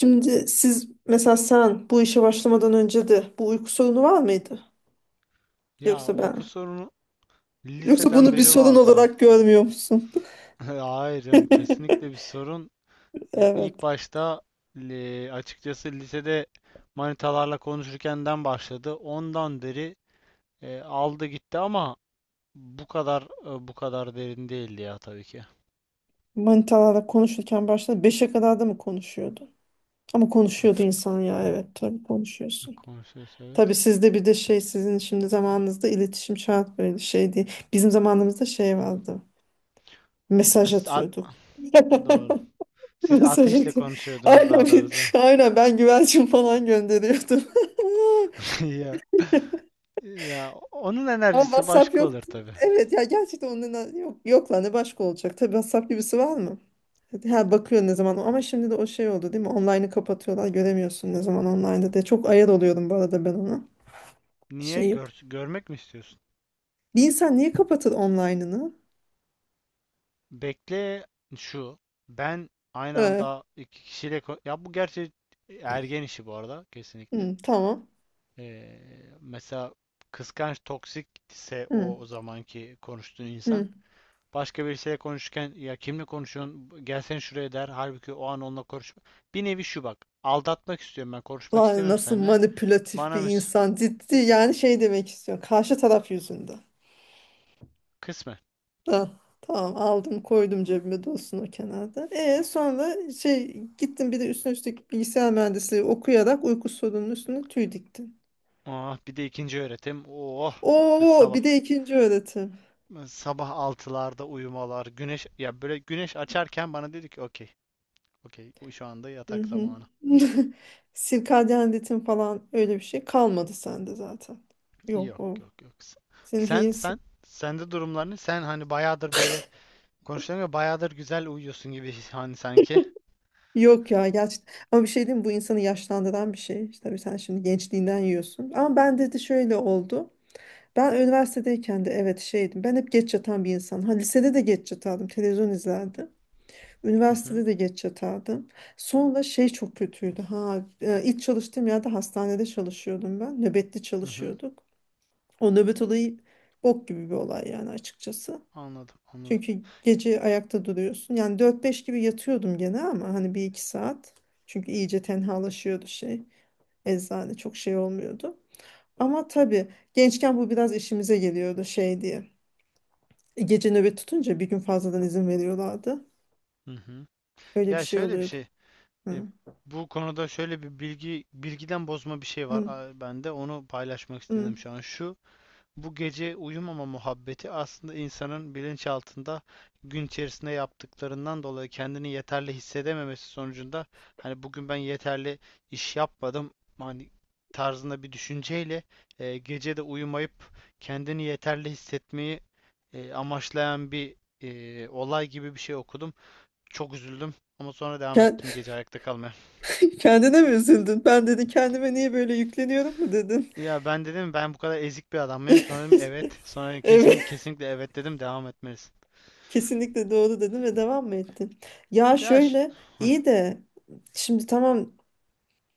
Şimdi siz mesela sen bu işe başlamadan önce de bu uyku sorunu var mıydı? Ya, Yoksa uyku ben sorunu yoksa liseden bunu bir beri sorun vardı. olarak görmüyor musun? Hayır canım, kesinlikle bir sorun. Ya ilk Evet. başta, açıkçası lisede manitalarla konuşurkenden başladı. Ondan beri aldı gitti ama bu kadar derin değildi ya, tabii ki. Manitalarla konuşurken başta beşe kadar da mı konuşuyordu? Ama E, konuşuyordu ta- insan ya, evet, tabii konuşuyorsun. Konuşuyoruz, evet. Tabii sizde bir de şey, sizin şimdi zamanınızda iletişim şart, böyle şey değil. Bizim zamanımızda şey vardı. E, Mesaj siz a- atıyorduk. doğru. Siz Mesaj ateşle atıyor. konuşuyordunuz Aynen, daha doğrusu. Aynen ben güvercin falan gönderiyordum. Ya ya onun Ama enerjisi WhatsApp başka olur yoktu. tabii. Evet ya, gerçekten onun yok, yok lan ne başka olacak. Tabii WhatsApp gibisi var mı? Ha bakıyor ne zaman, ama şimdi de o şey oldu değil mi? Online'ı kapatıyorlar, göremiyorsun ne zaman online'da diye. Çok ayar oluyorum bu arada ben ona. Niye? Şey, Görmek mi istiyorsun? bir insan niye kapatır online'ını? Bekle şu. Ben aynı Ee, anda iki kişiyle ya, bu gerçi ergen işi bu arada, kesinlikle. hı, tamam. Ee, Mesela kıskanç toksikse, Hı, o zamanki konuştuğun insan hı. başka birisiyle konuşurken, ya kimle konuşuyorsun, gelsene şuraya der, halbuki o an onunla konuşma. Bir nevi şu: bak, aldatmak istiyorum, ben konuşmak Lan istemiyorum nasıl seninle. manipülatif bir Bana mı? insan, ciddi yani şey demek istiyor karşı taraf yüzünden. Kısmen. Da, tamam, aldım koydum cebime, dursun o kenarda. Sonra şey gittim, bir de üstüne üstlük bilgisayar mühendisliği okuyarak uyku sorununun üstüne tüy diktim. Ah, bir de ikinci öğretim. Oh, bir Oo, sabah. bir de ikinci öğretim. Sabah 6'larda uyumalar, güneş, ya böyle güneş açarken bana dedi ki okey. Okey, şu anda Hı yatak hı. zamanı. Sirkadyen ritim falan öyle bir şey kalmadı sende zaten. Yok Yok, o. yok, yok. S- Senin Sen yenisi. sen sende durumlarını, sen hani bayağıdır böyle konuşuyorum ya, bayağıdır güzel uyuyorsun gibi, hani, sanki. Yok ya, gerçekten. Ama bir şey diyeyim mi? Bu insanı yaşlandıran bir şey. İşte tabii sen şimdi gençliğinden yiyorsun. Ama ben dedi şöyle oldu. Ben üniversitedeyken de evet şeydim. Ben hep geç yatan bir insan. Ha, lisede de geç yatardım. Televizyon izlerdim. Hı hı. Üniversitede de geç yatardım. Sonra şey çok kötüydü. Ha, ilk çalıştığım yerde hastanede çalışıyordum ben. Nöbetli Hı hı. çalışıyorduk. O nöbet olayı bok gibi bir olay yani, açıkçası. Anladım, anladım. Çünkü gece ayakta duruyorsun. Yani dört beş gibi yatıyordum gene, ama hani bir iki saat. Çünkü iyice tenhalaşıyordu şey. Eczane çok şey olmuyordu. Ama tabii gençken bu biraz işimize geliyordu şey diye. Gece nöbet tutunca bir gün fazladan izin veriyorlardı. Hı hı. Öyle bir Ya şey şöyle bir oluyordu. şey. e, Hı. Bu konuda şöyle bir bilgi, bilgiden bozma bir şey var Hı. Bende. Onu paylaşmak Hı. istedim şu an. Bu gece uyumama muhabbeti aslında insanın bilinçaltında, gün içerisinde yaptıklarından dolayı kendini yeterli hissedememesi sonucunda, hani bugün ben yeterli iş yapmadım hani tarzında bir düşünceyle, gece de uyumayıp kendini yeterli hissetmeyi amaçlayan bir olay gibi bir şey okudum. Çok üzüldüm, ama sonra devam Ken- ettim gece ayakta kalmaya. Kendine mi üzüldün? Ben dedi kendime niye böyle yükleniyorum mu dedin? Ya, ben dedim, ben bu kadar ezik bir adam mıyım? Sonra dedim evet. Sonra kesin Evet, kesinlikle evet dedim, devam etmelisin. kesinlikle doğru dedim ve devam mı ettin? Ya Ya şöyle, iyi de şimdi tamam,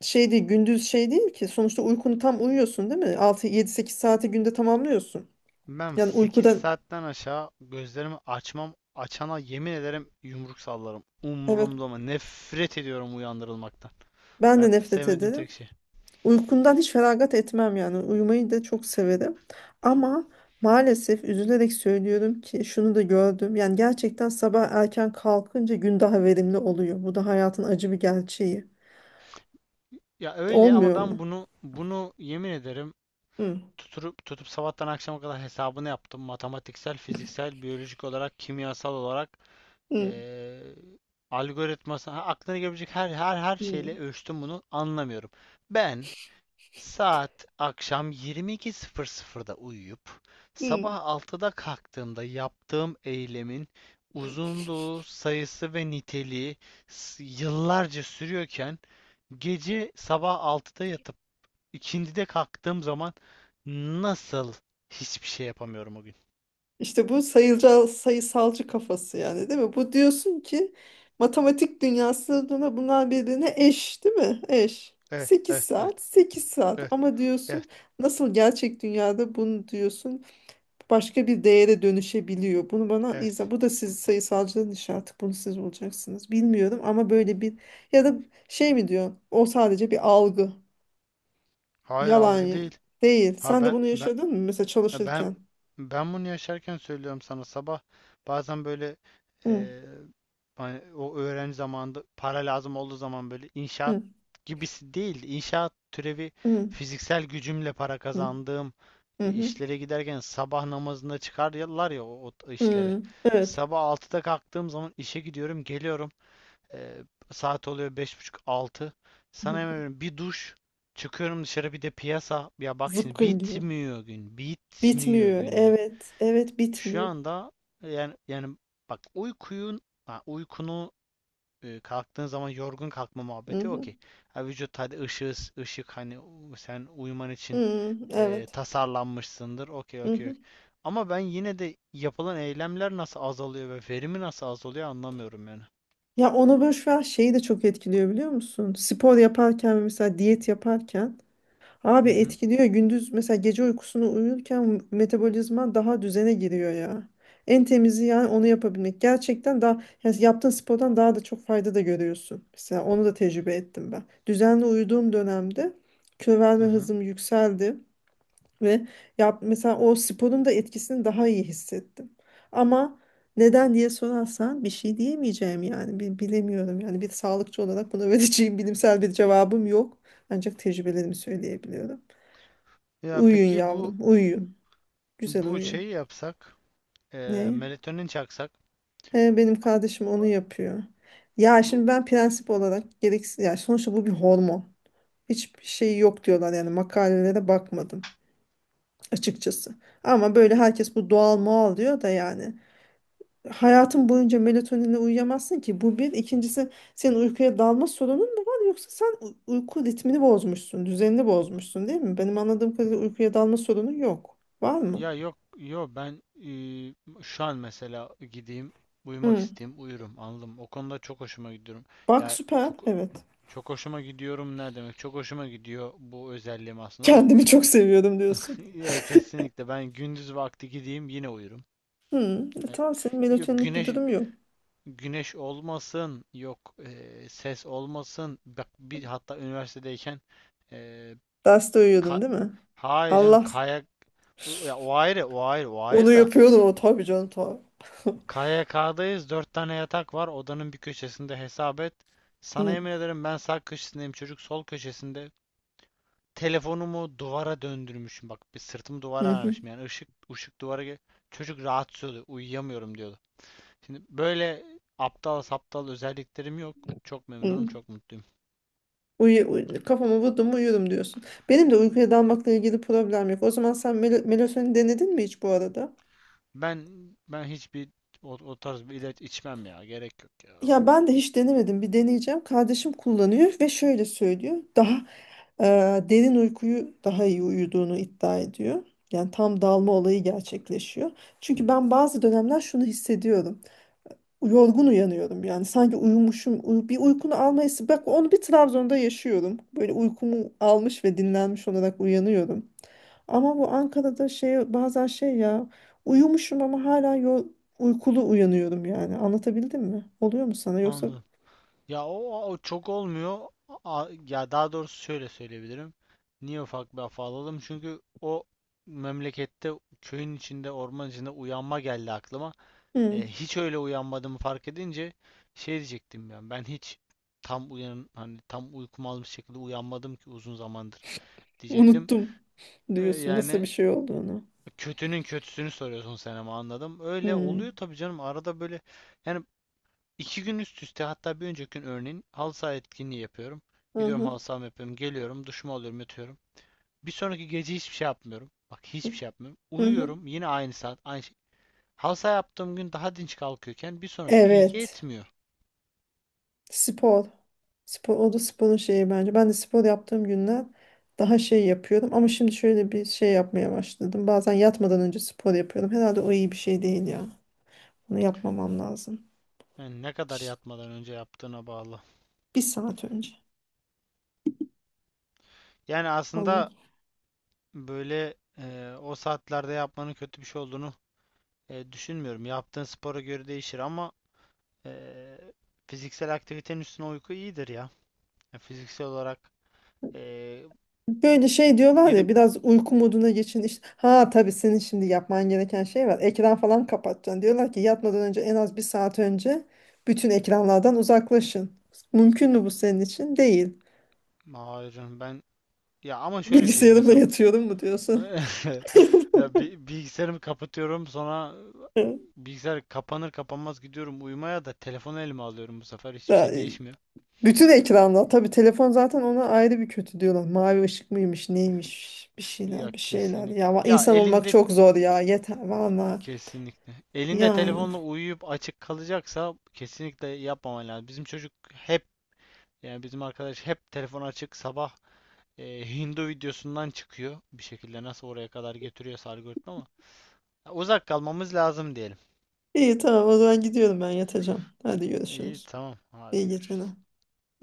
şey değil gündüz, şey değil ki sonuçta uykunu tam uyuyorsun değil mi? Altı yedi sekiz saati günde tamamlıyorsun. Ben Yani 8 uykudan, saatten aşağı gözlerimi açmam, açana yemin ederim yumruk sallarım. evet, Umurumda mı? Nefret ediyorum uyandırılmaktan. ben de Hayatta nefret sevmediğim ederim. tek şey. Uykumdan hiç feragat etmem yani. Uyumayı da çok severim. Ama maalesef üzülerek söylüyorum ki şunu da gördüm. Yani gerçekten sabah erken kalkınca gün daha verimli oluyor. Bu da hayatın acı bir gerçeği. Ya öyle, ama Olmuyor mu? ben bunu yemin ederim Hı, tutup tutup sabahtan akşama kadar hesabını yaptım. Matematiksel, fiziksel, biyolojik olarak, kimyasal olarak, hı, eee algoritması, aklına gelebilecek her hı, şeyle ölçtüm, bunu anlamıyorum. Ben Saat akşam 22.00'da uyuyup hı. sabah 6'da kalktığımda yaptığım eylemin uzunluğu, sayısı ve niteliği yıllarca sürüyorken, gece sabah 6'da yatıp ikindide kalktığım zaman nasıl hiçbir şey yapamıyorum o gün? İşte bu sayısalcı kafası yani değil mi? Bu diyorsun ki matematik dünyasında bunlar birbirine eş değil mi? Eş. Evet, Sekiz evet, evet, saat, 8 saat, evet, ama diyorsun evet, nasıl gerçek dünyada bunu diyorsun başka bir değere dönüşebiliyor. Bunu bana evet. izah, bu da siz sayısalcının işi artık, bunu siz bulacaksınız. Bilmiyorum ama böyle bir, ya da şey mi diyor? O sadece bir algı, Hayır, yalan algı ya. değil. Değil. Ha Sen de ben bunu ben yaşadın mı mesela Ha, Ben çalışırken? ben bunu yaşarken söylüyorum sana. Sabah bazen böyle, Hı, eee, hani o öğrenci zamanında para lazım olduğu zaman, böyle inşaat hı, gibisi değil, inşaat türevi, hı, fiziksel gücümle para hı, kazandığım hı, hı. işlere giderken, sabah namazında çıkarlar ya o işlere. Hı. Evet. Sabah 6'da kalktığım zaman işe gidiyorum, geliyorum, ee, saat oluyor beş buçuk, altı. Hı Sana yemin hı. ediyorum, bir duş, çıkıyorum dışarı, bir de piyasa. Ya bak, şimdi Zıpkın gibi. bitmiyor gün. Bitmiyor Bitmiyor. gün yani. Evet. Evet, Şu bitmiyor. anda, yani bak, uykunu kalktığın zaman yorgun kalkma Hı muhabbeti, hı. okey. Ha, Vücut, hadi, ışık ışık, hani sen uyuman için Hı, evet. tasarlanmışsındır. Okey, Hı okey, hı. okey. Ama ben yine de yapılan eylemler nasıl azalıyor ve verimi nasıl azalıyor anlamıyorum yani. Ya onu boş ver, şeyi de çok etkiliyor biliyor musun? Spor yaparken ve mesela diyet yaparken, Hı abi hı. etkiliyor. Gündüz mesela, gece uykusunu uyurken metabolizma daha düzene giriyor ya. En temizi yani onu yapabilmek. Gerçekten daha, yani yaptığın spordan daha da çok fayda da görüyorsun. Mesela onu da tecrübe ettim ben. Düzenli uyuduğum dönemde kilo Hı verme hı. hızım yükseldi ve yap, mesela o sporun da etkisini daha iyi hissettim. Ama neden diye sorarsan bir şey diyemeyeceğim yani. Bilemiyorum. Yani bir sağlıkçı olarak buna vereceğim bilimsel bir cevabım yok. Ancak tecrübelerimi söyleyebiliyorum. Ya Uyuyun peki yavrum, bu uyuyun. Güzel bu uyuyun. şeyi yapsak, Ne? melatonin çaksak. He, benim kardeşim onu yapıyor. Ya Bu şimdi ben prensip olarak gereksiz ya, sonuçta bu bir hormon. Hiçbir şey yok diyorlar, yani makalelere bakmadım açıkçası. Ama böyle herkes bu doğal moal diyor da yani. Hayatın boyunca melatoninle uyuyamazsın ki. Bu bir. İkincisi, senin uykuya dalma sorunun mu var, yoksa sen uyku ritmini bozmuşsun, düzenini bozmuşsun değil mi? Benim anladığım kadarıyla uykuya dalma sorunu yok. Var mı? ya yok yok, ben, şu an mesela gideyim, uyumak Hı. isteyeyim, uyurum, anladım. O konuda çok hoşuma gidiyorum. Bak Ya, süper. çok Evet. çok hoşuma gidiyorum ne demek? Çok hoşuma gidiyor bu özelliğim aslında, ama Kendimi çok seviyordum diyorsun. ya kesinlikle, ben gündüz vakti gideyim yine uyurum. Hı, e E, tamam, senin Yok, melatoninlik bir güneş durum yok. güneş olmasın, yok, ses olmasın. Bak bir, hatta üniversitedeyken, Eee, Derste uyuyordun Ka değil mi? hayır canım, Allah kayak, ya o ayrı, o ayrı, o onu ayrı da yapıyordu o, tabii canım, tabii. KYK'dayız, dört tane yatak var odanın bir köşesinde, hesap et, sana Hı, yemin ederim ben sağ köşesindeyim, çocuk sol köşesinde, telefonumu duvara döndürmüşüm, bak bir, sırtımı hı, duvara hı, vermişim, yani ışık ışık duvara çocuk rahatsız oluyor uyuyamıyorum diyordu. Şimdi böyle aptal saptal özelliklerim yok, çok memnunum, hı. çok mutluyum. Kafamı vurdum mu uyuyorum diyorsun. Benim de uykuya dalmakla ilgili problem yok. O zaman sen melatonin denedin mi hiç bu arada? Ben ben hiçbir o tarz bir ilaç içmem ya, gerek yok ya. Ya ben de hiç denemedim. Bir deneyeceğim. Kardeşim kullanıyor ve şöyle söylüyor. Daha e, derin uykuyu daha iyi uyuduğunu iddia ediyor. Yani tam dalma olayı gerçekleşiyor. Çünkü ben bazı dönemler şunu hissediyorum. Yorgun uyanıyorum yani, sanki uyumuşum, bir uykunu alma, bak onu bir Trabzon'da yaşıyorum, böyle uykumu almış ve dinlenmiş olarak uyanıyorum, ama bu Ankara'da şey, bazen şey ya, uyumuşum ama hala uykulu uyanıyorum, yani anlatabildim mi, oluyor mu sana yoksa Anladım. Ya o çok olmuyor. Ya daha doğrusu şöyle söyleyebilirim. Niye ufak bir afa alalım? Çünkü o memlekette, köyün içinde, orman içinde uyanma geldi aklıma. "Hı, Hiç öyle uyanmadığımı fark edince, şey diyecektim ben. Ben hiç tam uyan hani tam uykumu almış şekilde uyanmadım ki uzun zamandır diyecektim. unuttum diyorsun nasıl bir Yani, şey olduğunu. kötünün kötüsünü soruyorsun sen ama, anladım. Öyle Hı, oluyor tabii canım. Arada böyle, yani, 2 gün üst üste, hatta bir önceki gün örneğin halı saha etkinliği yapıyorum. hı, Gidiyorum hı, halı sahama, yapıyorum. Geliyorum, duşumu alıyorum, yatıyorum. Bir sonraki gece hiçbir şey yapmıyorum. Bak, hiçbir şey yapmıyorum. hı, hı. Uyuyorum yine aynı saat, aynı şey. Halı saha yaptığım gün daha dinç kalkıyorken, bir sonraki gün Evet. yetmiyor. Spor. Spor, o da sporun şeyi bence. Ben de spor yaptığım günler daha şey yapıyorum. Ama şimdi şöyle bir şey yapmaya başladım. Bazen yatmadan önce spor yapıyorum. Herhalde o iyi bir şey değil ya. Bunu yapmamam lazım. Yani ne kadar Şşt, yatmadan önce yaptığına bağlı. bir saat önce. Yani Olmadı. aslında böyle o saatlerde yapmanın kötü bir şey olduğunu düşünmüyorum. Yaptığın spora göre değişir, ama e, fiziksel aktivitenin üstüne uyku iyidir ya. Yani fiziksel olarak, e, Böyle şey diyorlar ya, gidip, biraz uyku moduna geçin. İşte, ha tabii senin şimdi yapman gereken şey var. Ekran falan kapatacaksın. Diyorlar ki yatmadan önce en az bir saat önce bütün ekranlardan uzaklaşın. Mümkün mü bu senin için? Değil. hayır canım ben, ya, ama şöyle bir şey Bilgisayarımla mesela yatıyorum mu diyorsun? ya bilgisayarımı kapatıyorum, sonra bilgisayar kapanır kapanmaz gidiyorum uyumaya, da telefonu elime alıyorum bu sefer, hiçbir Da, şey değişmiyor. bütün ekranda. Tabii telefon zaten ona ayrı bir kötü diyorlar. Mavi ışık mıymış, neymiş, bir Ya şeyler, bir şeyler. Ya kesinlikle. Ya insan olmak elinde, çok zor ya. Yeter valla. kesinlikle. Elinde Yani. telefonla uyuyup açık kalacaksa kesinlikle yapmaman lazım. Bizim çocuk hep, yani bizim arkadaş hep telefon açık sabah, Hindu videosundan çıkıyor bir şekilde, nasıl oraya kadar getiriyorsa algoritma, ama ya uzak kalmamız lazım diyelim. İyi tamam, o zaman gidiyorum ben, yatacağım. Hadi İyi görüşürüz. tamam. Hadi İyi geceler. görüşürüz.